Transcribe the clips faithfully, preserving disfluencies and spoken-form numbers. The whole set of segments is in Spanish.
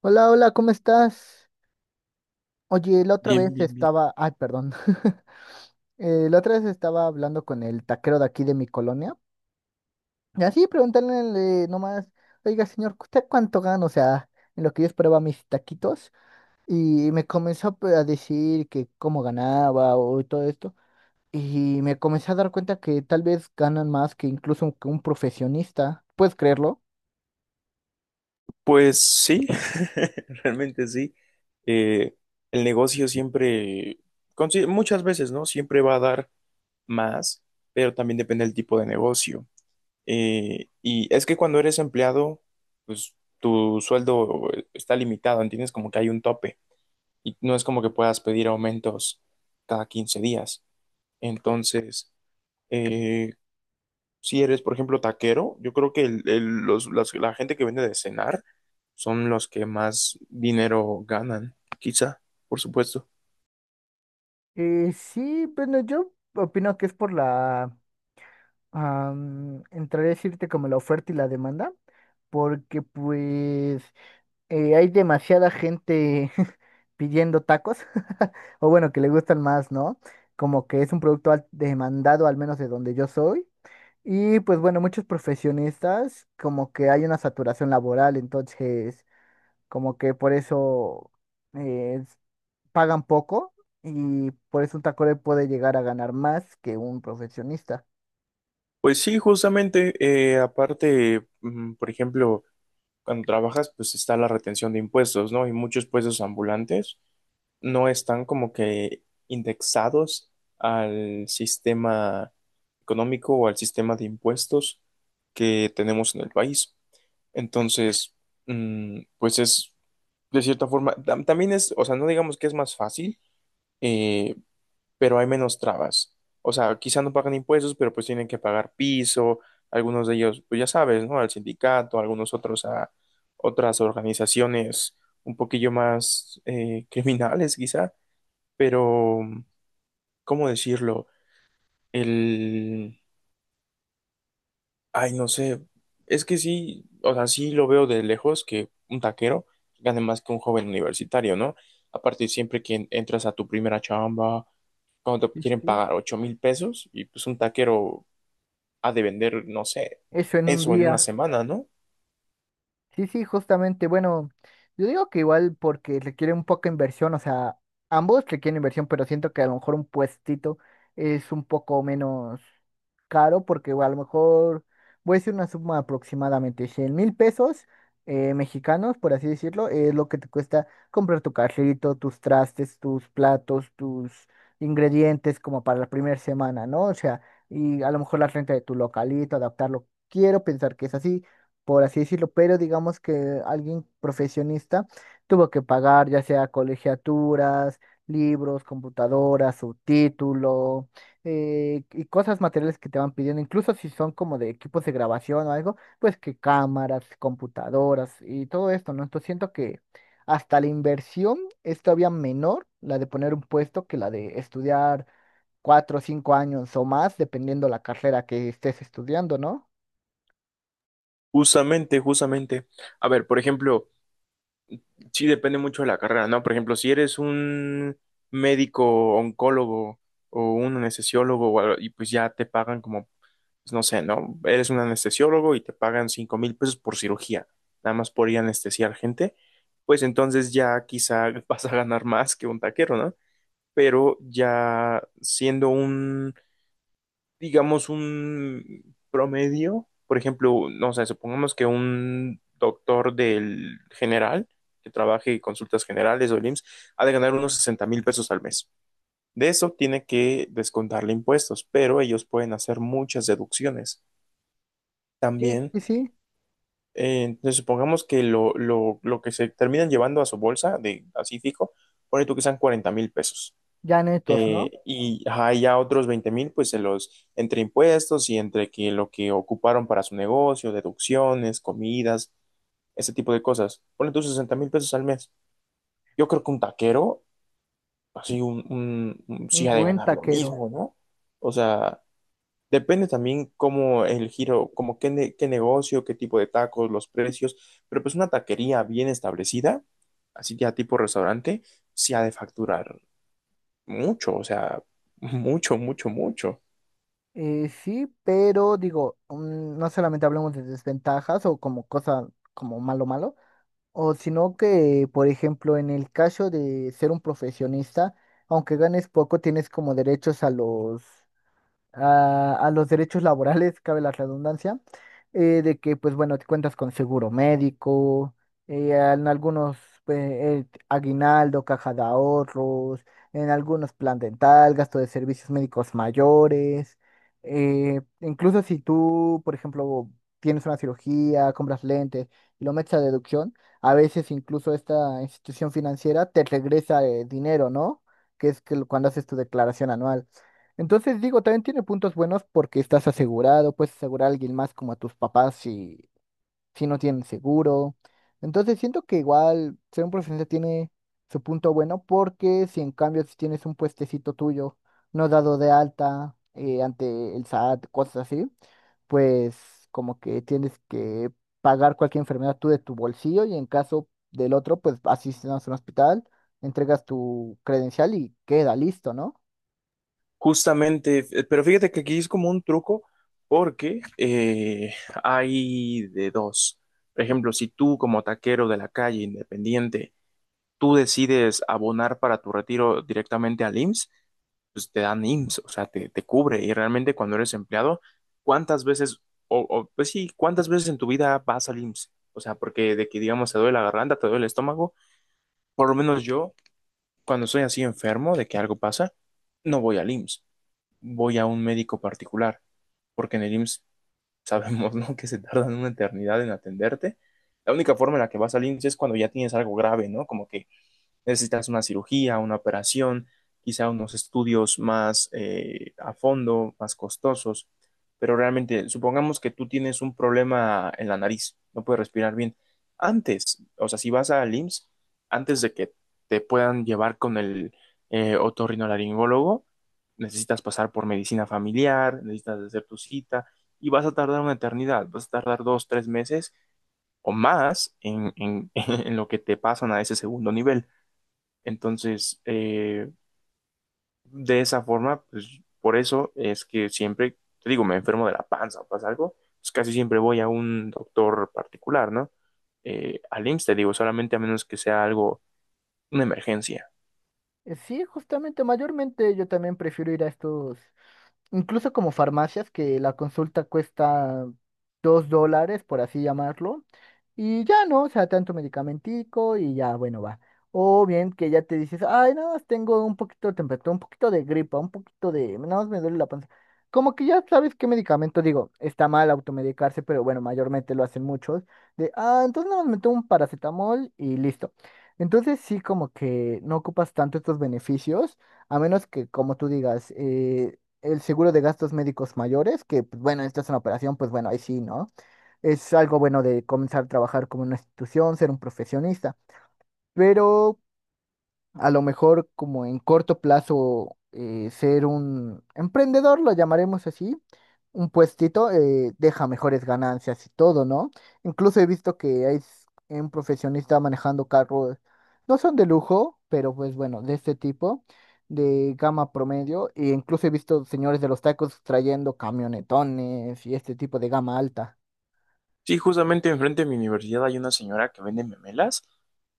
Hola, hola, ¿cómo estás? Oye, la otra Bien, vez bien, bien. estaba, ay, perdón, Eh, la otra vez estaba hablando con el taquero de aquí de mi colonia y así preguntándole nomás, oiga, señor, ¿usted cuánto gana? O sea, en lo que yo esperaba mis taquitos y me comenzó a pe- a decir que cómo ganaba o todo esto y me comencé a dar cuenta que tal vez ganan más que incluso que un profesionista, ¿puedes creerlo? Pues sí, realmente sí. Eh, el negocio siempre, consi- muchas veces, ¿no? Siempre va a dar más, pero también depende del tipo de negocio. Eh, y es que cuando eres empleado, pues tu sueldo está limitado, ¿entiendes? Como que hay un tope y no es como que puedas pedir aumentos cada quince días. Entonces, eh, si eres, por ejemplo, taquero, yo creo que el- el- los, las- la gente que vende de cenar son los que más dinero ganan, quizá, por supuesto. Eh, sí, bueno, yo opino que es por la am, entraré a decirte como la oferta y la demanda, porque pues eh, hay demasiada gente pidiendo tacos, o bueno, que le gustan más, ¿no? Como que es un producto al- demandado, al menos de donde yo soy. Y pues bueno, muchos profesionistas, como que hay una saturación laboral, entonces como que por eso eh, pagan poco y por eso un taco puede llegar a ganar más que un profesionista. Pues sí, justamente, eh, aparte, mm, por ejemplo, cuando trabajas, pues está la retención de impuestos, ¿no? Y muchos puestos ambulantes no están como que indexados al sistema económico o al sistema de impuestos que tenemos en el país. Entonces, mm, pues es de cierta forma, tam- también es, o sea, no digamos que es más fácil, eh, pero hay menos trabas. O sea, quizá no pagan impuestos, pero pues tienen que pagar piso, algunos de ellos, pues ya sabes, ¿no? Al sindicato, algunos otros a otras organizaciones un poquillo más eh, criminales, quizá, pero, ¿cómo decirlo? El Ay, no sé, es que sí, o sea, sí lo veo de lejos que un taquero gane más que un joven universitario, ¿no? Aparte, siempre que en- entras a tu primera chamba, cuando te quieren pagar ocho mil pesos, y pues un taquero ha de vender, no sé, Eso en un eso en una día. semana, ¿no? Sí, sí, justamente. Bueno, yo digo que igual porque requiere un poco de inversión, o sea, ambos requieren inversión, pero siento que a lo mejor un puestito es un poco menos caro porque a lo mejor voy a decir una suma aproximadamente cien mil pesos eh, mexicanos, por así decirlo, es lo que te cuesta comprar tu carrito, tus trastes, tus platos, tus ingredientes como para la primera semana, ¿no? O sea, y a lo mejor la renta de tu localito, adaptarlo. Quiero pensar que es así por así decirlo, pero digamos que alguien profesionista tuvo que pagar ya sea colegiaturas, libros, computadoras, su título eh, y cosas materiales que te van pidiendo, incluso si son como de equipos de grabación o algo, pues que cámaras, computadoras y todo esto, ¿no? Entonces siento que hasta la inversión es todavía menor, la de poner un puesto, que la de estudiar cuatro o cinco años o más, dependiendo la carrera que estés estudiando, ¿no? Justamente, justamente. A ver, por ejemplo, sí depende mucho de la carrera, ¿no? Por ejemplo, si eres un médico, oncólogo o un anestesiólogo, o algo, y pues ya te pagan como pues, no sé, ¿no? Eres un anestesiólogo y te pagan cinco mil pesos por cirugía, nada más por ir a anestesiar gente, pues entonces ya quizá vas a ganar más que un taquero, ¿no? Pero ya siendo un, digamos, un promedio, por ejemplo, no sé, supongamos que un doctor del general que trabaje en consultas generales o el I M S S, ha de ganar unos sesenta mil pesos al mes. De eso tiene que descontarle impuestos, pero ellos pueden hacer muchas deducciones. Sí, También sí, sí, Eh, entonces, supongamos que lo, lo- lo que se terminan llevando a su bolsa, de, así fijo, pone tú que sean cuarenta mil pesos. ya netos, ¿no? Eh, y ajá, y ya otros veinte mil, pues se los, entre impuestos y entre que lo que ocuparon para su negocio, deducciones, comidas, ese tipo de cosas. Pone tú sesenta mil pesos al mes. Yo creo que un taquero, así, un, un, un- sí Un ha de buen ganar lo taquero. mismo, ¿no? O sea, depende también cómo el giro, como qué, ne- qué negocio, qué tipo de tacos, los precios, pero pues una taquería bien establecida, así ya tipo restaurante, sí ha de facturar mucho, o sea, mucho, mucho, mucho. Eh, sí, pero digo, mm, no solamente hablamos de desventajas o como cosa como malo malo, o sino que, por ejemplo, en el caso de ser un profesionista, aunque ganes poco, tienes como derechos a los a, a los derechos laborales, cabe la redundancia, eh, de que, pues bueno, te cuentas con seguro médico, eh, en algunos pues, eh, aguinaldo, caja de ahorros, en algunos plan dental, gasto de servicios médicos mayores, eh, incluso si tú, por ejemplo, tienes una cirugía, compras lentes y lo metes a deducción, a veces incluso esta institución financiera te regresa eh, dinero, ¿no? Que es que lo- cuando haces tu declaración anual. Entonces digo, también tiene puntos buenos porque estás asegurado, puedes asegurar a alguien más como a tus papás si, si no tienen seguro. Entonces siento que igual ser un profesionista tiene su punto bueno porque si en cambio si tienes un puestecito tuyo no dado de alta eh, ante el SAT, cosas así, pues como que tienes que pagar cualquier enfermedad tú de tu bolsillo y en caso del otro, pues asistes a un hospital, entregas tu credencial y queda listo, ¿no? Justamente, f- pero fíjate que aquí es como un truco porque eh, hay de dos. Por ejemplo, si tú como taquero de la calle, independiente, tú decides abonar para tu retiro directamente al I M S S, pues te dan I M S S, o sea, te, te cubre. Y realmente cuando eres empleado, ¿cuántas veces, o, o, pues sí, cuántas veces en tu vida vas al I M S S? O sea, porque de que digamos te duele la garganta, te duele el estómago, por lo menos yo, cuando estoy así enfermo de que algo pasa, no voy al I M S S, voy a un médico particular, porque en el I M S S sabemos, ¿no? que se tardan una eternidad en atenderte. La única forma en la que vas al I M S S es cuando ya tienes algo grave, ¿no? Como que necesitas una cirugía, una operación, quizá unos estudios más eh, a fondo, más costosos, pero realmente supongamos que tú tienes un problema en la nariz, no puedes respirar bien. Antes, o sea, si vas al I M S S, antes de que te puedan llevar con el eh, otorrinolaringólogo, necesitas pasar por medicina familiar, necesitas hacer tu cita y vas a tardar una eternidad, vas a tardar dos, tres meses o más en, en, en lo que te pasan a ese segundo nivel. Entonces, eh, de esa forma, pues por eso es que siempre, te digo, me enfermo de la panza o pasa algo, pues casi siempre voy a un doctor particular, ¿no? Eh, al I M S S, te digo, solamente a menos que sea algo, una emergencia. Eh, Sí, justamente, mayormente yo también prefiero ir a estos, incluso como farmacias que la consulta cuesta dos dólares, por así llamarlo, y ya no, o sea, tanto medicamentico y ya, bueno, va. O bien que ya te dices, ay, nada más tengo un poquito de temperatura, un poquito de gripa, un poquito de, nada más me duele la panza. Como que ya sabes qué medicamento, digo, está mal automedicarse, pero bueno, mayormente lo hacen muchos, de, ah, entonces nada más me tomo un paracetamol y listo. Entonces sí, como que no ocupas tanto estos beneficios. A menos que, como tú digas, eh, el seguro de gastos médicos mayores, que pues, bueno, esta es una operación, pues bueno, ahí sí, ¿no? Es algo bueno de comenzar a trabajar como una institución, ser un profesionista. Pero a lo mejor como en corto plazo eh, ser un emprendedor, lo llamaremos así, un puestito eh, deja mejores ganancias y todo, ¿no? Incluso he visto que hay s- un profesionista manejando carros, no son de lujo, pero pues bueno, de este tipo, de gama promedio, e incluso he visto señores de los tacos trayendo camionetones y este tipo de gama alta. Sí, justamente enfrente de mi universidad hay una señora que vende memelas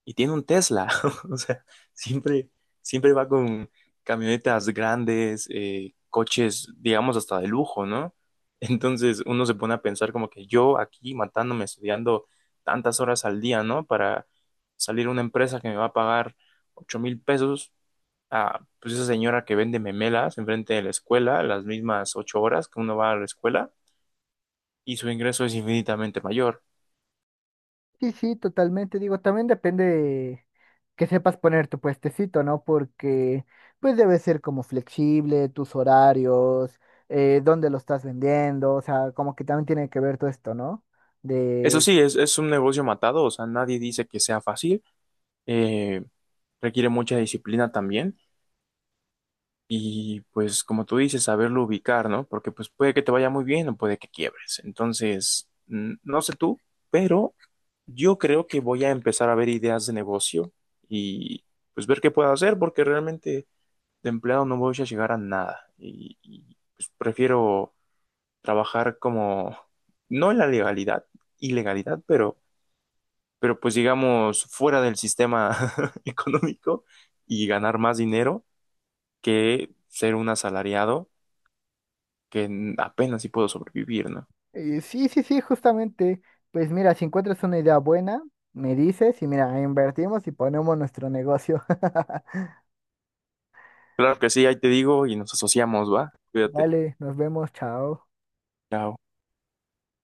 y tiene un Tesla. O sea, siempre, siempre va con camionetas grandes, eh, coches, digamos, hasta de lujo, ¿no? Entonces uno se pone a pensar como que yo aquí matándome, estudiando tantas horas al día, ¿no? Para salir a una empresa que me va a pagar ocho mil pesos a pues esa señora que vende memelas enfrente de la escuela, las mismas ocho horas que uno va a la escuela y su ingreso es infinitamente mayor. Sí, sí, totalmente. Digo, también depende de que sepas poner tu puestecito, ¿no? Porque pues debe ser como flexible, tus horarios, eh, dónde lo estás vendiendo, o sea, como que también tiene que ver todo esto, ¿no? Eso De... sí, es, es un negocio matado, o sea, nadie dice que sea fácil, eh, requiere mucha disciplina también y pues como tú dices, saberlo ubicar, ¿no? Porque pues puede que te vaya muy bien o puede que quiebres. Entonces, mm, no sé tú, pero yo creo que voy a empezar a ver ideas de negocio y pues ver qué puedo hacer porque realmente de empleado no voy a llegar a nada y, y, pues prefiero trabajar como, no en la legalidad, ilegalidad, pero pero pues digamos fuera del sistema económico y ganar más dinero que ser un asalariado que apenas si puedo sobrevivir, ¿no? eh, sí, sí, sí, justamente. Pues mira, si encuentras una idea buena, me dices y mira, invertimos y ponemos nuestro negocio. Claro que sí, ahí te digo y nos asociamos, ¿va? Cuídate. Dale, nos vemos, chao. Chao.